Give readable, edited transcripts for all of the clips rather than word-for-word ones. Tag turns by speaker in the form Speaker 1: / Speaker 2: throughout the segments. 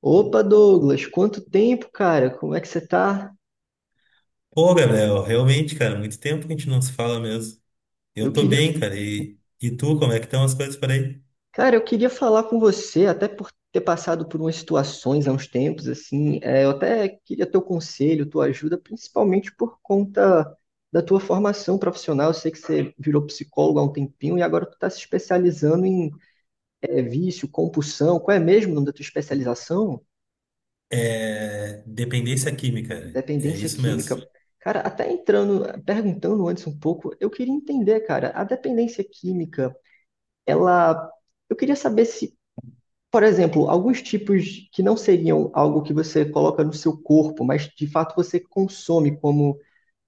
Speaker 1: Opa, Douglas, quanto tempo, cara? Como é que você tá?
Speaker 2: Ô Gabriel, realmente, cara, muito tempo que a gente não se fala mesmo.
Speaker 1: Eu
Speaker 2: Eu tô
Speaker 1: queria,
Speaker 2: bem, cara, e tu, como é que estão as coisas por aí?
Speaker 1: cara, eu queria falar com você, até por ter passado por umas situações há uns tempos, assim, eu até queria teu conselho, tua ajuda, principalmente por conta da tua formação profissional. Eu sei que você virou psicólogo há um tempinho e agora tu tá se especializando em vício, compulsão. Qual é mesmo o nome da tua especialização?
Speaker 2: Dependência química, é
Speaker 1: Dependência
Speaker 2: isso
Speaker 1: química.
Speaker 2: mesmo.
Speaker 1: Cara, até entrando, perguntando antes um pouco, eu queria entender, cara, a dependência química. Ela. Eu queria saber se, por exemplo, alguns tipos que não seriam algo que você coloca no seu corpo, mas de fato você consome, como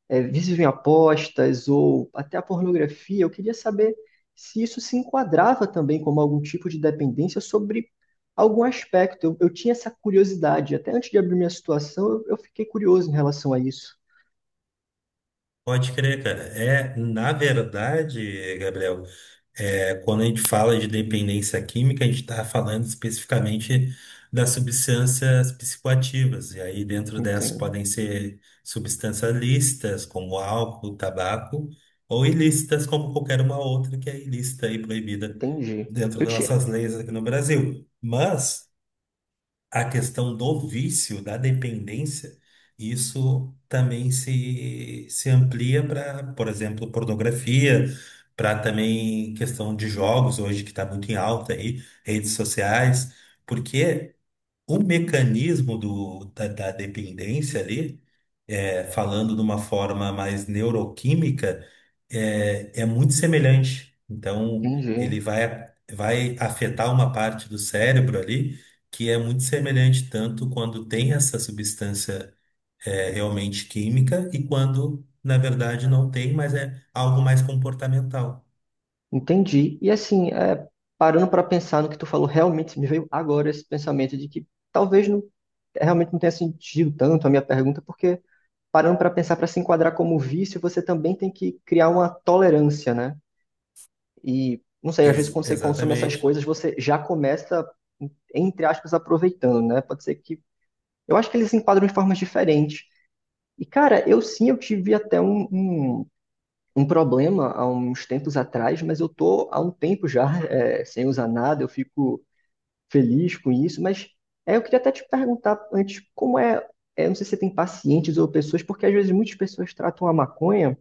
Speaker 1: vícios em apostas ou até a pornografia, eu queria saber se isso se enquadrava também como algum tipo de dependência sobre algum aspecto. Eu tinha essa curiosidade. Até antes de abrir minha situação, eu fiquei curioso em relação a isso.
Speaker 2: Pode crer, cara. Na verdade, Gabriel, quando a gente fala de dependência química, a gente está falando especificamente das substâncias psicoativas. E aí, dentro dessas,
Speaker 1: Entendo.
Speaker 2: podem ser substâncias lícitas, como álcool, tabaco, ou ilícitas, como qualquer uma outra que é ilícita e proibida
Speaker 1: Entendi.
Speaker 2: dentro
Speaker 1: Eu
Speaker 2: das
Speaker 1: tinha.
Speaker 2: nossas leis aqui no Brasil. Mas a questão do vício, da dependência, isso também se amplia para, por exemplo, pornografia, para também questão de jogos hoje que está muito em alta aí, redes sociais, porque o mecanismo da dependência ali, falando de uma forma mais neuroquímica, é muito semelhante. Então,
Speaker 1: Entendi.
Speaker 2: ele vai afetar uma parte do cérebro ali que é muito semelhante, tanto quando tem essa substância, realmente química, e quando, na verdade, não tem, mas é algo mais comportamental.
Speaker 1: Entendi. E assim, é, parando para pensar no que tu falou, realmente me veio agora esse pensamento de que talvez não, realmente não tenha sentido tanto a minha pergunta, porque parando para pensar para se enquadrar como vício, você também tem que criar uma tolerância, né? E não sei, às vezes
Speaker 2: Ex-
Speaker 1: quando você consome essas
Speaker 2: exatamente.
Speaker 1: coisas, você já começa, entre aspas, aproveitando, né? Pode ser que. Eu acho que eles se enquadram de formas diferentes. E, cara, eu sim, eu tive até um problema há uns tempos atrás, mas eu tô há um tempo já sem usar nada, eu fico feliz com isso, mas é, eu queria até te perguntar antes, como é, é, não sei se você tem pacientes ou pessoas, porque às vezes muitas pessoas tratam a maconha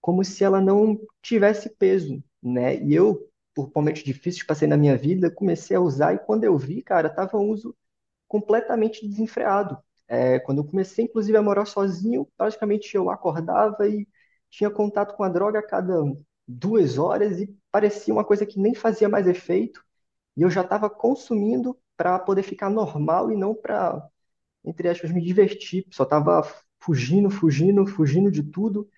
Speaker 1: como se ela não tivesse peso, né? E eu, por momentos difíceis que passei na minha vida, comecei a usar e quando eu vi, cara, tava um uso completamente desenfreado. É, quando eu comecei, inclusive, a morar sozinho, praticamente eu acordava e tinha contato com a droga a cada 2 horas e parecia uma coisa que nem fazia mais efeito. E eu já estava consumindo para poder ficar normal e não para, entre aspas, me divertir. Só estava fugindo, fugindo, fugindo de tudo.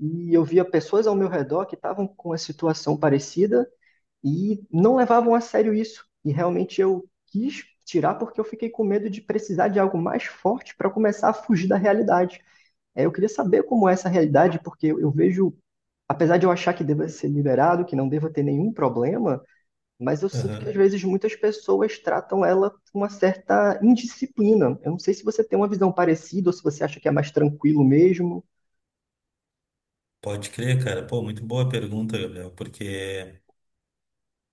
Speaker 1: E eu via pessoas ao meu redor que estavam com uma situação parecida e não levavam a sério isso. E realmente eu quis tirar porque eu fiquei com medo de precisar de algo mais forte para começar a fugir da realidade. É, eu queria saber como é essa realidade, porque eu vejo, apesar de eu achar que deva ser liberado, que não deva ter nenhum problema, mas eu sinto que às
Speaker 2: Aham.
Speaker 1: vezes muitas pessoas tratam ela com uma certa indisciplina. Eu não sei se você tem uma visão parecida ou se você acha que é mais tranquilo mesmo.
Speaker 2: Pode crer, cara. Pô, muito boa pergunta, Gabriel, porque.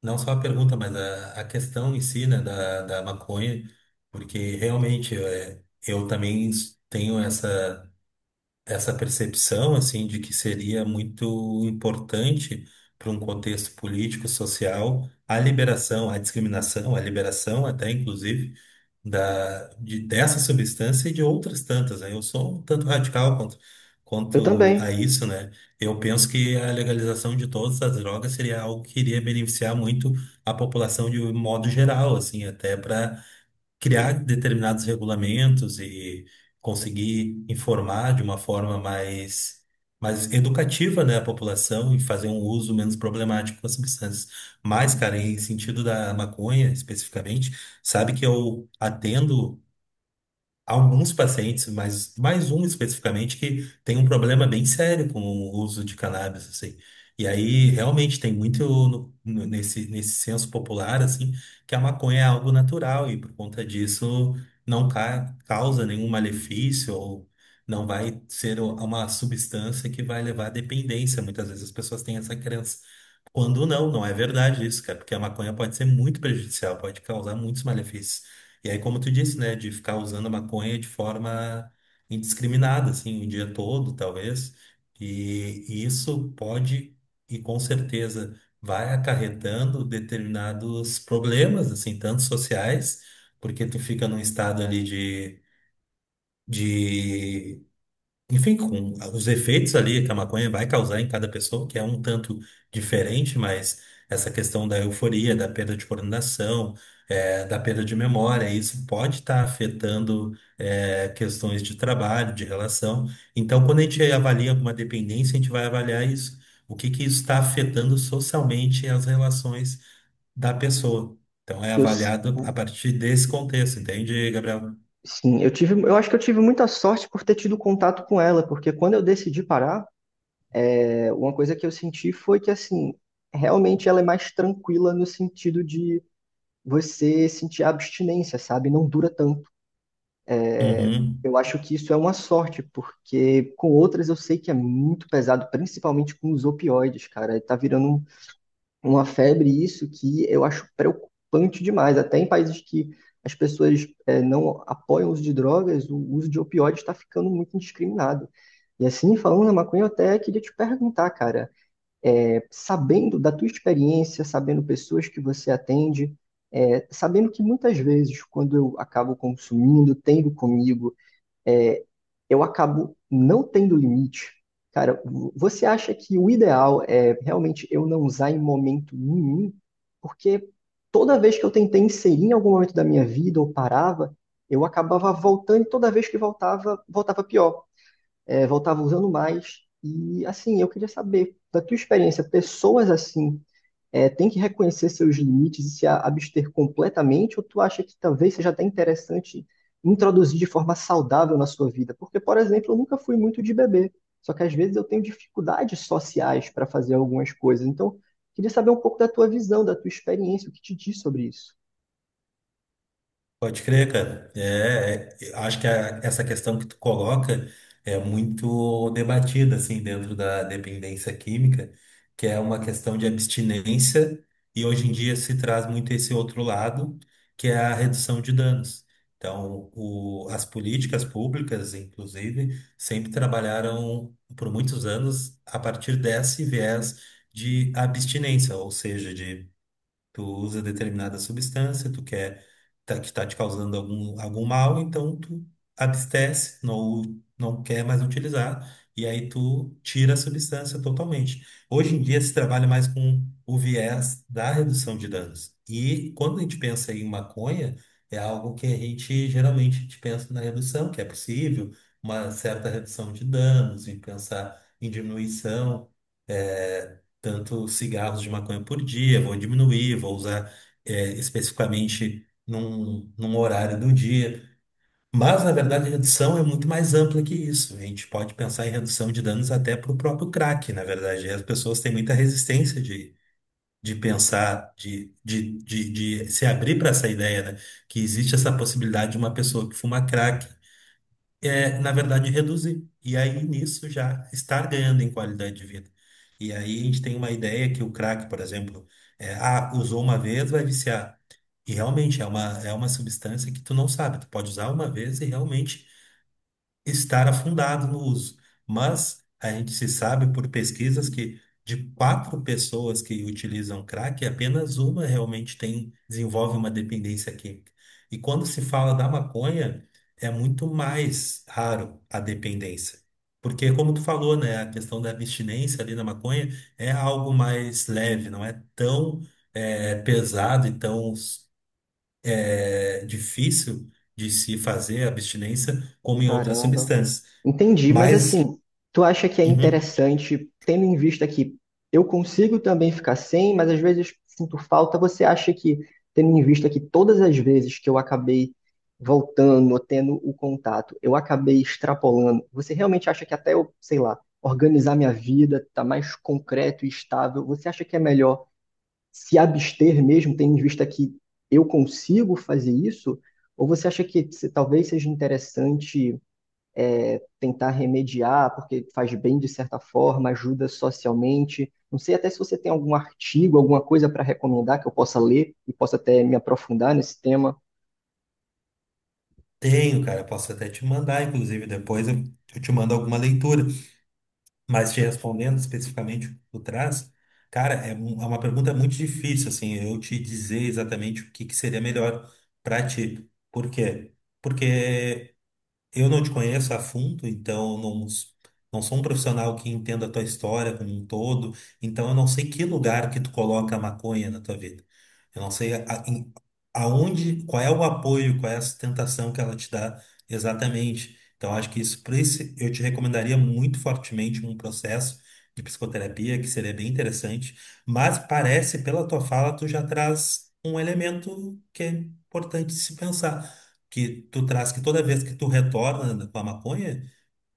Speaker 2: Não só a pergunta, mas a questão em si, né, da maconha, porque realmente eu também tenho essa percepção, assim, de que seria muito importante para um contexto político, social, a liberação, a discriminação, a liberação até, inclusive, dessa substância e de outras tantas, né? Eu sou um tanto radical quanto,
Speaker 1: Eu
Speaker 2: quanto a
Speaker 1: também.
Speaker 2: isso, né? Eu penso que a legalização de todas as drogas seria algo que iria beneficiar muito a população de um modo geral, assim, até para criar determinados regulamentos e conseguir informar de uma forma mais educativa, né, a população e fazer um uso menos problemático das substâncias. Mas, cara, em sentido da maconha especificamente, sabe que eu atendo alguns pacientes, mas mais um especificamente, que tem um problema bem sério com o uso de cannabis, assim. E aí, realmente, tem muito nesse senso popular, assim, que a maconha é algo natural e, por conta disso, não ca- causa nenhum malefício, ou não vai ser o- uma substância que vai levar à dependência. Muitas vezes as pessoas têm essa crença. Quando não é verdade isso, cara, porque a maconha pode ser muito prejudicial, pode causar muitos malefícios. E aí, como tu disse, né, de ficar usando a maconha de forma indiscriminada, assim, o dia todo, talvez, e isso pode e com certeza vai acarretando determinados problemas, assim, tanto sociais, porque tu fica num estado ali de enfim, com os efeitos ali que a maconha vai causar em cada pessoa, que é um tanto diferente, mas essa questão da euforia, da perda de coordenação, da perda de memória, isso pode estar afetando, questões de trabalho, de relação. Então, quando a gente avalia alguma dependência, a gente vai avaliar isso, o que que isso está afetando socialmente as relações da pessoa. Então, é
Speaker 1: Eu, s-
Speaker 2: avaliado a partir desse contexto, entende, Gabriel?
Speaker 1: Sim, eu tive, eu acho que eu tive muita sorte por ter tido contato com ela, porque quando eu decidi parar, é, uma coisa que eu senti foi que, assim, realmente ela é mais tranquila no sentido de você sentir a abstinência, sabe? Não dura tanto. É,
Speaker 2: Uhum.
Speaker 1: eu acho que isso é uma sorte, porque com outras eu sei que é muito pesado, principalmente com os opioides, cara. Tá virando uma febre isso que eu acho preocupante demais. Até em países que as pessoas não apoiam o uso de drogas, o uso de opioides está ficando muito indiscriminado. E assim, falando na maconha, eu até queria te perguntar, cara, sabendo da tua experiência, sabendo pessoas que você atende, sabendo que muitas vezes, quando eu acabo consumindo, tendo comigo é, eu acabo não tendo limite. Cara, você acha que o ideal é realmente eu não usar em momento nenhum? Porque toda vez que eu tentei inserir em algum momento da minha vida ou parava, eu acabava voltando e toda vez que voltava, voltava pior, É, voltava usando mais. E assim, eu queria saber da tua experiência, pessoas assim tem que reconhecer seus limites e se abster completamente, ou tu acha que talvez seja até interessante introduzir de forma saudável na sua vida? Porque, por exemplo, eu nunca fui muito de beber, só que às vezes eu tenho dificuldades sociais para fazer algumas coisas. Então, queria saber um pouco da tua visão, da tua experiência, o que te diz sobre isso.
Speaker 2: Pode crer, cara. Acho que essa questão que tu coloca é muito debatida, assim, dentro da dependência química, que é uma questão de abstinência, e hoje em dia se traz muito esse outro lado, que é a redução de danos. Então, as políticas públicas, inclusive, sempre trabalharam por muitos anos a partir desse viés de abstinência, ou seja, de tu usa determinada substância, tu quer que está te causando algum mal, então tu abstece, não quer mais utilizar, e aí tu tira a substância totalmente. Hoje em dia se trabalha mais com o viés da redução de danos. E quando a gente pensa em maconha, é algo que a gente geralmente a gente pensa na redução, que é possível, uma certa redução de danos, em pensar em diminuição, eh, tanto cigarros de maconha por dia, vou diminuir, vou usar, especificamente num horário do dia. Mas, na verdade, a redução é muito mais ampla que isso. A gente pode pensar em redução de danos até para o próprio crack, na verdade. E as pessoas têm muita resistência de pensar, de se abrir para essa ideia, né? Que existe essa possibilidade de uma pessoa que fuma crack na verdade, reduzir. E aí, nisso, já estar ganhando em qualidade de vida. E aí, a gente tem uma ideia que o crack, por exemplo, usou uma vez, vai viciar. E realmente é é uma substância que tu não sabe. Tu pode usar uma vez e realmente estar afundado no uso. Mas a gente se sabe por pesquisas que de quatro pessoas que utilizam crack, apenas uma realmente tem, desenvolve uma dependência química. E quando se fala da maconha, é muito mais raro a dependência. Porque, como tu falou, né, a questão da abstinência ali na maconha é algo mais leve, não é tão pesado e tão difícil de se fazer a abstinência como em outras
Speaker 1: Caramba.
Speaker 2: substâncias.
Speaker 1: Entendi, mas
Speaker 2: Mas
Speaker 1: assim, tu acha que é
Speaker 2: uhum,
Speaker 1: interessante, tendo em vista que eu consigo também ficar sem, mas às vezes sinto falta, você acha que, tendo em vista que todas as vezes que eu acabei voltando, ou tendo o contato, eu acabei extrapolando, você realmente acha que até eu, sei lá, organizar minha vida, tá mais concreto e estável, você acha que é melhor se abster mesmo, tendo em vista que eu consigo fazer isso? Ou você acha que talvez seja interessante tentar remediar, porque faz bem de certa forma, ajuda socialmente. Não sei até se você tem algum artigo, alguma coisa para recomendar que eu possa ler e possa até me aprofundar nesse tema.
Speaker 2: tenho, cara. Posso até te mandar, inclusive, eu te mando alguma leitura. Mas te respondendo especificamente o que tu traz, cara, é uma pergunta muito difícil, assim, eu te dizer exatamente que seria melhor pra ti. Por quê? Porque eu não te conheço a fundo, então eu não, não sou um profissional que entenda a tua história como um todo, então eu não sei que lugar que tu coloca a maconha na tua vida. Eu não sei aonde, qual é o apoio, qual é a sustentação que ela te dá exatamente. Então acho que isso, por isso eu te recomendaria muito fortemente um processo de psicoterapia, que seria bem interessante, mas parece pela tua fala tu já traz um elemento que é importante se pensar, que tu traz que toda vez que tu retorna com a maconha,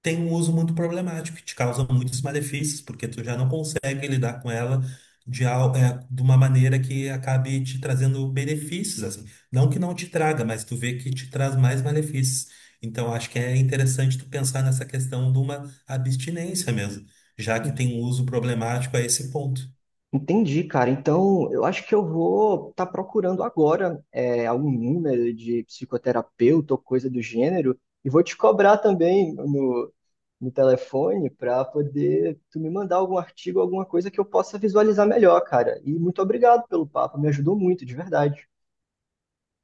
Speaker 2: tem um uso muito problemático, que te causa muitos malefícios, porque tu já não consegue lidar com ela de uma maneira que acabe te trazendo benefícios, assim. Não que não te traga, mas tu vê que te traz mais malefícios. Então, acho que é interessante tu pensar nessa questão de uma abstinência mesmo, já que tem um uso problemático a esse ponto.
Speaker 1: Entendi, cara. Então, eu acho que eu vou estar procurando agora algum número de psicoterapeuta ou coisa do gênero e vou te cobrar também no telefone para poder tu me mandar algum artigo, alguma coisa que eu possa visualizar melhor, cara. E muito obrigado pelo papo, me ajudou muito, de verdade.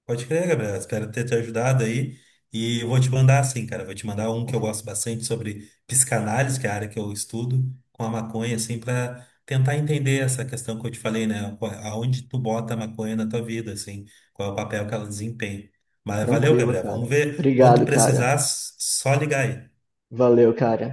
Speaker 2: Pode crer, Gabriel. Espero ter te ajudado aí. E eu vou te mandar, assim, cara. Vou te mandar um que eu gosto bastante sobre psicanálise, que é a área que eu estudo, com a maconha, assim, para tentar entender essa questão que eu te falei, né? Aonde tu bota a maconha na tua vida, assim, qual é o papel que ela desempenha. Mas valeu,
Speaker 1: Tranquilo,
Speaker 2: Gabriel. Vamos
Speaker 1: cara.
Speaker 2: ver. Quando tu
Speaker 1: Obrigado,
Speaker 2: precisar,
Speaker 1: cara.
Speaker 2: só ligar aí.
Speaker 1: Valeu, cara.